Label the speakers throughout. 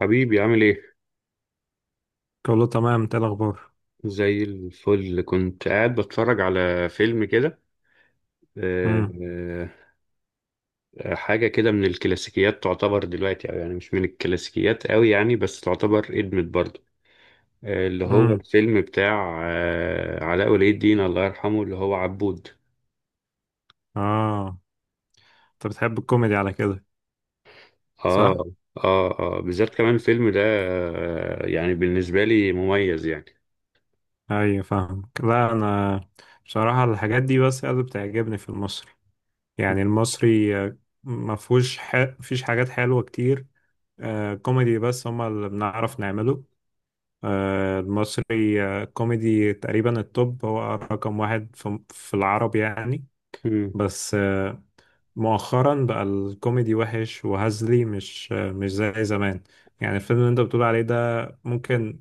Speaker 1: حبيبي عامل ايه؟
Speaker 2: كله تمام، انت ايه الاخبار؟
Speaker 1: زي الفل، كنت قاعد بتفرج على فيلم كده.
Speaker 2: امم.
Speaker 1: آه، حاجة كده من الكلاسيكيات تعتبر دلوقتي، أو يعني مش من الكلاسيكيات قوي يعني، بس تعتبر قدمت برضه. اللي هو
Speaker 2: امم.
Speaker 1: الفيلم بتاع علاء ولي الدين الله يرحمه، اللي هو عبود.
Speaker 2: اه. انت بتحب الكوميدي على كده؟
Speaker 1: اه
Speaker 2: صح.
Speaker 1: اه اه، بالذات كمان الفيلم ده يعني بالنسبة لي مميز يعني.
Speaker 2: ايوه فاهمك. لا، انا بصراحه الحاجات دي بس اللي بتعجبني في المصري. يعني المصري ما فيهوش فيش حاجات حلوه كتير. كوميدي بس هما اللي بنعرف نعمله. المصري كوميدي تقريبا التوب، هو رقم واحد في العرب يعني.
Speaker 1: مم.
Speaker 2: بس مؤخرا بقى الكوميدي وحش وهزلي، مش زي زمان. يعني الفيلم اللي انت بتقول عليه ده ممكن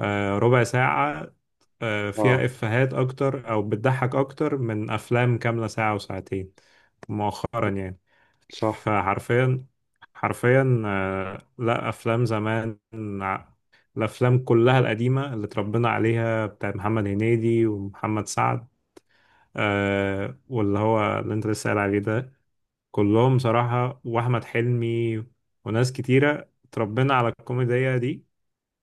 Speaker 2: ربع ساعة فيها
Speaker 1: اه،
Speaker 2: إفيهات أكتر، أو بتضحك أكتر من أفلام كاملة ساعة وساعتين مؤخرا يعني.
Speaker 1: صح.
Speaker 2: فحرفيا، حرفيا، لا أفلام زمان. ع- الأفلام كلها القديمة اللي اتربينا عليها بتاع محمد هنيدي ومحمد سعد، واللي هو اللي انت لسه قايل عليه ده، كلهم صراحة، وأحمد حلمي وناس كتيرة اتربينا على الكوميديا دي.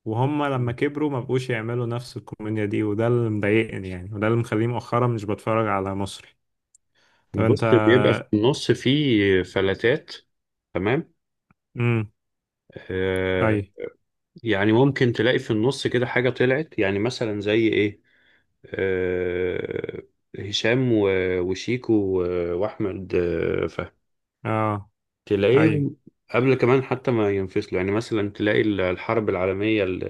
Speaker 2: وهم لما كبروا ما بقوش يعملوا نفس الكوميديا دي، وده اللي مضايقني يعني، وده اللي مخليني مؤخرا مش بتفرج على مصري. طب انت.
Speaker 1: بص، بيبقى في النص فيه فلاتات، تمام.
Speaker 2: امم.
Speaker 1: آه،
Speaker 2: اي.
Speaker 1: يعني ممكن تلاقي في النص كده حاجة طلعت، يعني مثلا زي ايه. آه، هشام وشيكو وأحمد فهمي،
Speaker 2: اه. اي.
Speaker 1: تلاقيهم قبل كمان حتى ما ينفصلوا. يعني مثلا تلاقي الحرب العالمية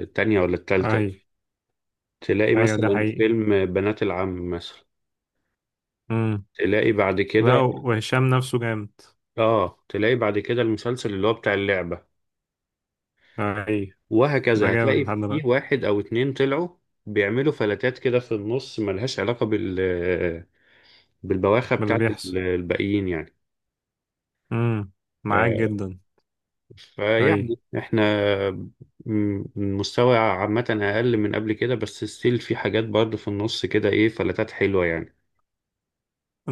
Speaker 1: التانية ولا
Speaker 2: اي.
Speaker 1: التالتة، تلاقي
Speaker 2: ايوه ده
Speaker 1: مثلا
Speaker 2: حقيقي.
Speaker 1: فيلم بنات العم مثلا،
Speaker 2: امم.
Speaker 1: تلاقي بعد
Speaker 2: لا
Speaker 1: كده،
Speaker 2: وهشام نفسه جامد.
Speaker 1: اه تلاقي بعد كده المسلسل اللي هو بتاع اللعبة،
Speaker 2: اي. ده
Speaker 1: وهكذا.
Speaker 2: جامد
Speaker 1: هتلاقي
Speaker 2: لحد
Speaker 1: في
Speaker 2: دلوقتي.
Speaker 1: واحد او اتنين طلعوا بيعملوا فلاتات كده في النص، ملهاش علاقة بال بالبواخة
Speaker 2: من اللي
Speaker 1: بتاعت
Speaker 2: بيحصل.
Speaker 1: الباقيين يعني.
Speaker 2: امم.
Speaker 1: ف...
Speaker 2: معاك جدا. اي.
Speaker 1: فيعني احنا، المستوى عامة اقل من قبل كده، بس ستيل في حاجات برضه في النص كده، ايه، فلاتات حلوة يعني.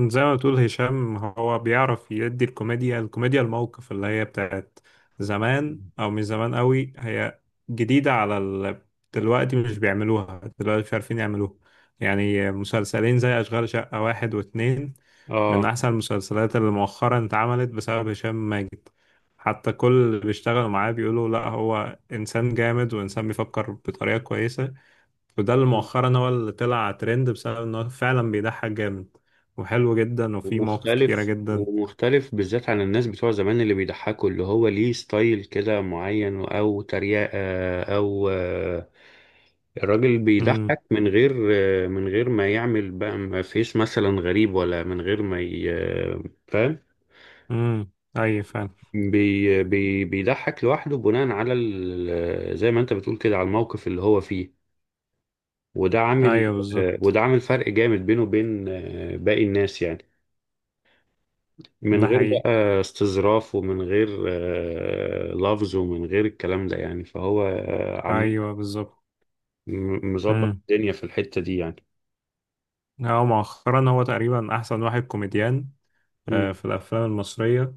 Speaker 2: زي ما بتقول، هشام هو بيعرف يدي الكوميديا الموقف، اللي هي بتاعت زمان او مش زمان قوي، هي جديدة على دلوقتي مش بيعملوها، دلوقتي مش عارفين يعملوها. يعني مسلسلين زي أشغال شقة واحد واتنين
Speaker 1: اه.
Speaker 2: من أحسن المسلسلات اللي مؤخرا اتعملت بسبب هشام ماجد. حتى كل اللي بيشتغلوا معاه بيقولوا لا، هو إنسان جامد وإنسان بيفكر بطريقة كويسة. وده اللي مؤخرا هو اللي طلع ترند، بسبب انه فعلا بيضحك جامد وحلو جدا وفيه مواقف كتيرة جدا.
Speaker 1: ومختلف بالذات عن الناس بتوع زمان اللي بيضحكوا، اللي هو ليه ستايل كده معين، او تريقة، او الراجل
Speaker 2: امم.
Speaker 1: بيضحك من غير، من غير ما يعمل بقى، ما فيش مثلا غريب، ولا من غير ما فاهم.
Speaker 2: امم. ايوه فعلا.
Speaker 1: بي بي بيضحك لوحده بناء على زي ما انت بتقول كده، على الموقف اللي هو فيه، وده عامل
Speaker 2: ايوه بالظبط.
Speaker 1: وده عامل فرق جامد بينه وبين باقي الناس يعني، من
Speaker 2: ده
Speaker 1: غير
Speaker 2: حقيقي.
Speaker 1: بقى استظراف، ومن غير لفظ، ومن غير الكلام ده يعني، فهو عم
Speaker 2: ايوه بالظبط.
Speaker 1: مظبط
Speaker 2: امم.
Speaker 1: الدنيا في الحتة دي يعني.
Speaker 2: هو مؤخرا هو تقريبا احسن واحد كوميديان
Speaker 1: مم.
Speaker 2: في الافلام المصرية.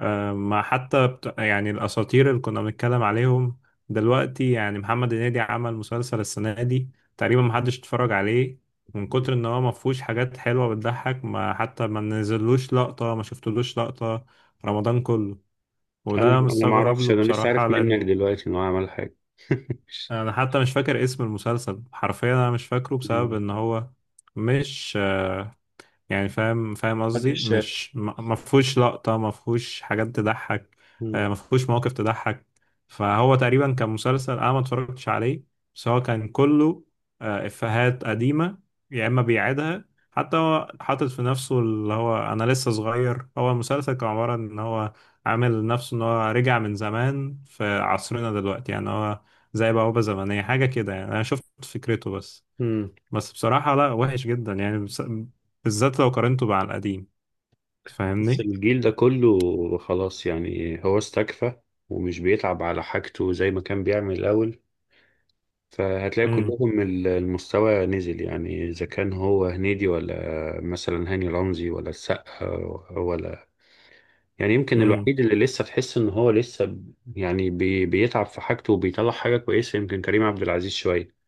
Speaker 2: ما حتى يعني الأساطير اللي كنا بنتكلم عليهم دلوقتي، يعني محمد هنيدي عمل مسلسل السنة دي تقريبا محدش اتفرج عليه، من كتر ان هو مفهوش حاجات حلوة بتضحك. ما حتى ما نزلوش لقطة، ما شفتلوش لقطة رمضان كله. وده
Speaker 1: انا
Speaker 2: انا
Speaker 1: انا ما
Speaker 2: مستغرب
Speaker 1: اعرفش،
Speaker 2: له
Speaker 1: انا لسه
Speaker 2: بصراحة،
Speaker 1: عارف
Speaker 2: لان
Speaker 1: منك دلوقتي انه عمل حاجة.
Speaker 2: انا حتى مش فاكر اسم المسلسل حرفيا، انا مش فاكره بسبب
Speaker 1: مم.
Speaker 2: ان هو مش يعني فاهم قصدي،
Speaker 1: محدش شاف.
Speaker 2: مش ما فيهوش لقطة، ما فيهوش حاجات تضحك،
Speaker 1: مم.
Speaker 2: ما فيهوش مواقف تضحك. فهو تقريبا كان مسلسل انا ما اتفرجتش عليه، بس هو كان كله افيهات قديمة يا اما بيعيدها. حتى هو حاطط في نفسه اللي هو انا لسه صغير، هو المسلسل كان عبارة ان هو عامل نفسه ان هو رجع من زمان في عصرنا دلوقتي، يعني هو زي بوابة زمنية حاجة كده يعني، انا شفت فكرته. بس
Speaker 1: مم.
Speaker 2: بس بصراحة لا وحش جدا يعني، بالذات لو قارنته مع القديم،
Speaker 1: بس
Speaker 2: فاهمني؟
Speaker 1: الجيل ده كله خلاص، يعني هو استكفى، ومش بيتعب على حاجته زي ما كان بيعمل الأول. فهتلاقي
Speaker 2: امم.
Speaker 1: كلهم، المستوى نزل، يعني إذا كان هو هنيدي، ولا مثلا هاني رمزي، ولا السقا، ولا. يعني يمكن
Speaker 2: امم.
Speaker 1: الوحيد اللي لسه تحس إن هو لسه، يعني بيتعب في حاجته وبيطلع حاجة كويسة، يمكن كريم عبد العزيز شوية،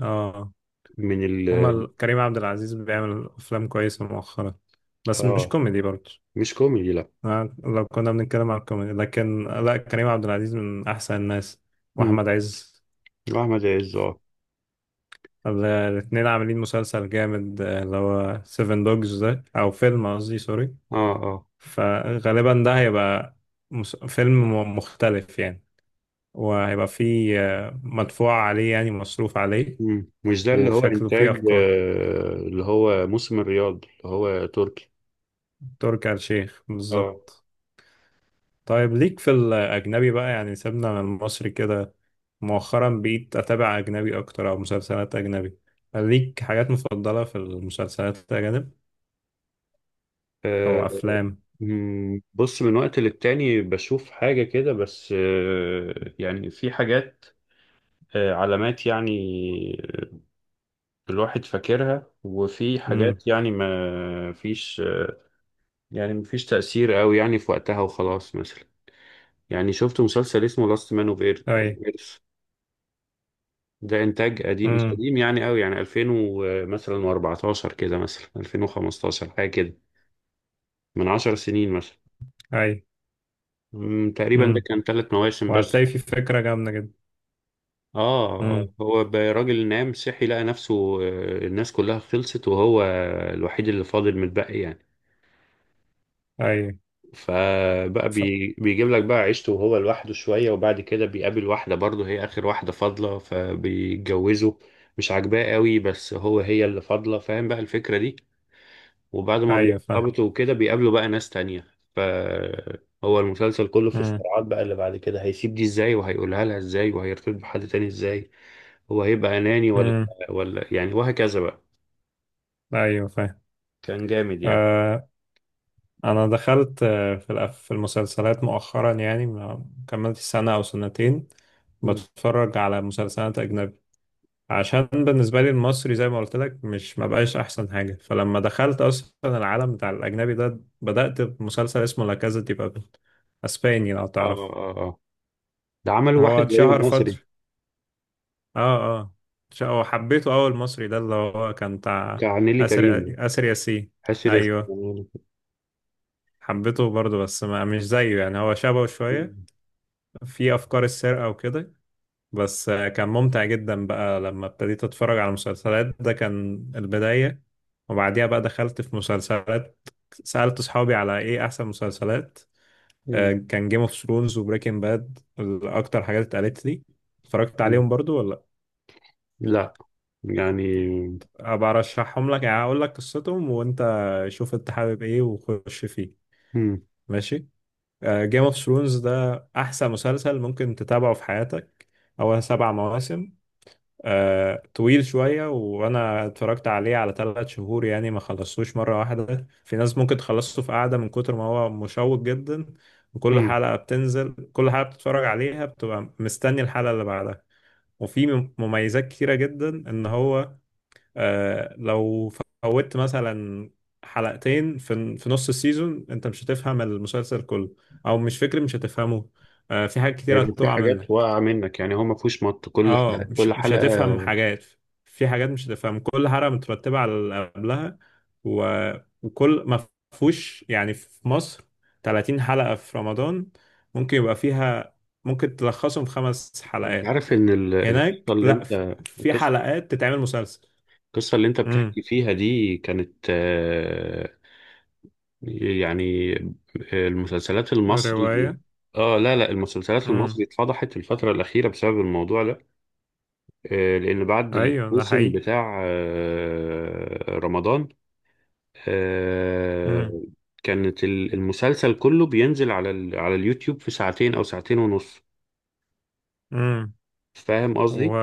Speaker 2: اه.
Speaker 1: من
Speaker 2: هما
Speaker 1: ال
Speaker 2: كريم عبد العزيز بيعمل افلام كويسة مؤخرا، بس مش
Speaker 1: آه،
Speaker 2: كوميدي برضه.
Speaker 1: مش كوميدي لأ.
Speaker 2: لو كنا بنتكلم عن الكوميدي، لكن لا، كريم عبد العزيز من احسن الناس،
Speaker 1: مم.
Speaker 2: واحمد عز.
Speaker 1: وأحمد عز، آه
Speaker 2: الاتنين عاملين مسلسل جامد، اللي هو سيفن دوجز، ده او فيلم قصدي، سوري.
Speaker 1: آه آه.
Speaker 2: فغالبا ده هيبقى فيلم مختلف يعني، وهيبقى فيه مدفوع عليه يعني مصروف عليه،
Speaker 1: مم. مش ده اللي هو
Speaker 2: وشكله
Speaker 1: إنتاج
Speaker 2: فيه أفكار.
Speaker 1: اللي هو موسم الرياض، اللي هو تركي؟
Speaker 2: تركي آل الشيخ
Speaker 1: آه
Speaker 2: بالظبط. طيب ليك في الأجنبي بقى، يعني سيبنا من المصري كده. مؤخرا بقيت أتابع أجنبي أكتر أو مسلسلات أجنبي. ليك حاجات مفضلة في المسلسلات الأجنبي
Speaker 1: آه.
Speaker 2: أو أفلام؟
Speaker 1: مم، بص، من وقت للتاني بشوف حاجة كده بس، يعني في حاجات، علامات يعني الواحد فاكرها، وفي
Speaker 2: امم.
Speaker 1: حاجات يعني ما فيش يعني ما فيش تأثير قوي يعني في وقتها وخلاص. مثلا يعني شفت مسلسل اسمه لاست مان اوف ايرث.
Speaker 2: أي.
Speaker 1: ده انتاج قديم، مش
Speaker 2: امم.
Speaker 1: قديم يعني قوي، يعني 2000 مثلا و14 كده، مثلا 2015، حاجة كده، من 10 سنين مثلا.
Speaker 2: أي.
Speaker 1: مم، تقريبا ده
Speaker 2: امم.
Speaker 1: كان ثلاث مواسم بس.
Speaker 2: وهتلاقي في فكرة جامدة جدا.
Speaker 1: اه.
Speaker 2: امم.
Speaker 1: هو راجل نام صحي، لقى نفسه الناس كلها خلصت، وهو الوحيد اللي فاضل متبقي يعني.
Speaker 2: أي.
Speaker 1: فبقى
Speaker 2: ف...
Speaker 1: بيجيب لك بقى عيشته وهو لوحده شوية، وبعد كده بيقابل واحدة برضه، هي آخر واحدة فاضلة، فبيتجوزوا. مش عاجباه قوي بس هو هي اللي فاضلة، فاهم بقى الفكرة دي. وبعد ما
Speaker 2: أيوة فاهم.
Speaker 1: بيرتبطوا وكده بيقابلوا بقى ناس تانية، فهو المسلسل كله في
Speaker 2: امم.
Speaker 1: الصراعات بقى اللي بعد كده، هيسيب دي ازاي، وهيقولها لها ازاي، وهيرتبط بحد تاني ازاي، هو هيبقى أناني ولا،
Speaker 2: امم.
Speaker 1: يعني، وهكذا بقى.
Speaker 2: أيوة فاهم.
Speaker 1: كان جامد يعني.
Speaker 2: آه، انا دخلت في في المسلسلات مؤخرا، يعني ما كملت سنة او سنتين
Speaker 1: مم.
Speaker 2: بتفرج على مسلسلات اجنبي. عشان بالنسبة لي المصري زي ما قلت لك، مش، ما بقاش احسن حاجة. فلما دخلت اصلا العالم بتاع الاجنبي ده، بدأت بمسلسل اسمه لا كازا دي بابل، اسباني لو
Speaker 1: اه
Speaker 2: تعرف.
Speaker 1: اه اه. ده عمل
Speaker 2: هو
Speaker 1: واحد زيه
Speaker 2: اتشهر فترة.
Speaker 1: مصري
Speaker 2: اه. اه. هو حبيته. اول مصري ده اللي هو كان بتاع
Speaker 1: بتاع نيلي
Speaker 2: اسر
Speaker 1: كريم،
Speaker 2: اسر ياسين.
Speaker 1: حشر
Speaker 2: ايوه
Speaker 1: اسمه.
Speaker 2: حبيته برضه، بس ما مش زيه، يعني هو شبهه شوية
Speaker 1: مم.
Speaker 2: في افكار السرقه وكده. بس كان ممتع جدا بقى لما ابتديت اتفرج على مسلسلات، ده كان البدايه. وبعديها بقى دخلت في مسلسلات، سالت اصحابي على ايه احسن مسلسلات.
Speaker 1: مم.
Speaker 2: كان جيم اوف ثرونز وبريكنج باد اكتر حاجات اتقالت لي. اتفرجت عليهم
Speaker 1: مم.
Speaker 2: برضو ولا
Speaker 1: لا، يعني.
Speaker 2: ابقى ارشحهم لك؟ يعني اقول لك قصتهم وانت شوف انت حابب ايه وخش فيه.
Speaker 1: مم.
Speaker 2: ماشي. جيم اوف ثرونز ده احسن مسلسل ممكن تتابعه في حياتك. هو 7 مواسم، طويل شوية، وأنا اتفرجت عليه على 3 شهور يعني، ما خلصتوش مرة واحدة. في ناس ممكن تخلصه في قعدة، من كتر ما هو مشوق جدا. وكل
Speaker 1: مم.
Speaker 2: حلقة بتنزل كل حلقة بتتفرج عليها، بتبقى مستني الحلقة اللي بعدها. وفي مميزات كتيرة جدا، إن هو لو فوتت مثلا حلقتين في نص السيزون، أنت مش هتفهم المسلسل كله، أو مش فكرة مش هتفهمه، في حاجات كتيرة
Speaker 1: هيبقى في
Speaker 2: هتقع
Speaker 1: حاجات
Speaker 2: منك.
Speaker 1: واقعة منك، يعني هو ما فيهوش مط، كل
Speaker 2: اه،
Speaker 1: حلقة كل
Speaker 2: مش
Speaker 1: حلقة.
Speaker 2: هتفهم حاجات. في حاجات مش هتفهم، كل حلقة مترتبة على اللي قبلها. و... وكل ما فيهوش يعني، في مصر 30 حلقة في رمضان ممكن يبقى فيها، ممكن تلخصهم في خمس
Speaker 1: انت
Speaker 2: حلقات
Speaker 1: عارف ان ال- القصه
Speaker 2: هناك
Speaker 1: اللي
Speaker 2: لا،
Speaker 1: انت
Speaker 2: في
Speaker 1: القصه
Speaker 2: حلقات تتعمل مسلسل.
Speaker 1: القصة اللي انت
Speaker 2: امم.
Speaker 1: بتحكي فيها دي كانت، يعني المسلسلات المصري.
Speaker 2: رواية.
Speaker 1: اه، لا لا، المسلسلات
Speaker 2: امم.
Speaker 1: المصري اتفضحت الفترة الأخيرة بسبب الموضوع ده. لأن بعد
Speaker 2: ايوه ده
Speaker 1: الموسم
Speaker 2: حقيقي.
Speaker 1: بتاع رمضان،
Speaker 2: امم.
Speaker 1: آه، كانت المسلسل كله بينزل على على اليوتيوب في ساعتين أو ساعتين ونص.
Speaker 2: امم.
Speaker 1: فاهم
Speaker 2: و...
Speaker 1: قصدي؟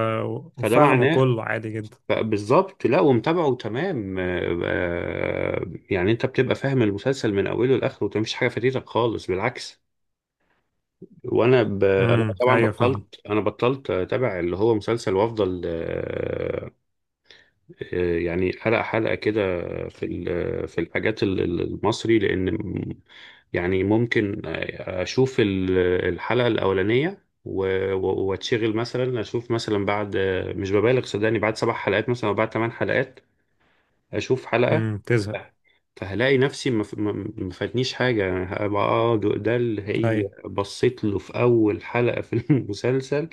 Speaker 1: فده
Speaker 2: وفهمه
Speaker 1: معناه
Speaker 2: كله عادي جدا.
Speaker 1: بالظبط. لا، ومتابعه تمام، يعني انت بتبقى فاهم المسلسل من اوله لاخره، ومفيش حاجه فاتتك خالص، بالعكس. انا
Speaker 2: امم.
Speaker 1: طبعا
Speaker 2: ايوه فاهمه.
Speaker 1: بطلت، انا بطلت اتابع اللي هو مسلسل، وافضل يعني حلقه حلقه كده في في الحاجات، المصري، لان يعني ممكن اشوف الحلقه الاولانيه، واتشغل مثلا، اشوف مثلا بعد، مش ببالغ صدقني، بعد سبع حلقات مثلا او بعد ثمان حلقات اشوف حلقة.
Speaker 2: تزهق.
Speaker 1: فهلاقي نفسي ما ف- ما- ما فاتنيش حاجة، يعني هبقى اه، ده اللي هي
Speaker 2: اي.
Speaker 1: بصيت له في أول حلقة في المسلسل،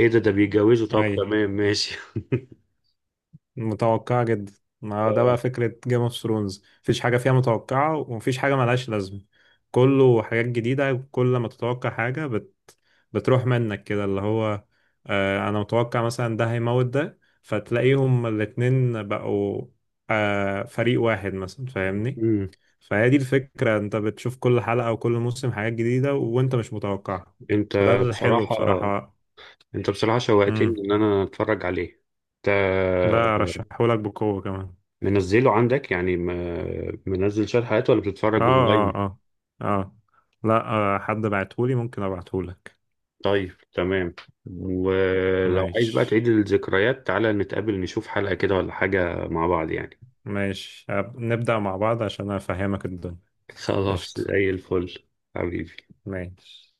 Speaker 1: ايه ده بيتجوزوا، طب
Speaker 2: اي.
Speaker 1: تمام ماشي.
Speaker 2: متوقعة جدا. ما هو ده
Speaker 1: اه.
Speaker 2: بقى فكرة جيم اوف ثرونز، مفيش حاجة فيها متوقعة ومفيش حاجة ملهاش لازمة، كله حاجات جديدة. كل ما تتوقع حاجة بتروح منك كده، اللي هو أنا متوقع مثلا ده هيموت، ده فتلاقيهم الاتنين بقوا فريق واحد مثلا، فاهمني؟
Speaker 1: امم
Speaker 2: فهي دي الفكرة، انت بتشوف كل حلقة وكل موسم حاجات جديدة وانت مش متوقعها،
Speaker 1: انت
Speaker 2: فده الحلو
Speaker 1: بصراحة،
Speaker 2: بصراحة. مم.
Speaker 1: شوقتني ان انا اتفرج عليه. انت
Speaker 2: لا أرشحهولك بقوة كمان.
Speaker 1: منزله عندك؟ يعني منزل شوية حلقات ولا بتتفرج
Speaker 2: اه، اه،
Speaker 1: اونلاين؟
Speaker 2: اه، اه. لا. حد بعتهولي ممكن ابعتهولك.
Speaker 1: طيب تمام. ولو عايز بقى
Speaker 2: ماشي.
Speaker 1: تعيد الذكريات، تعالى نتقابل نشوف حلقة كده ولا حاجة مع بعض يعني.
Speaker 2: ماشي، نبدأ مع بعض عشان افهمك الدنيا.
Speaker 1: خلاص
Speaker 2: قشطة.
Speaker 1: زي الفل. حبيبي.
Speaker 2: ماشي.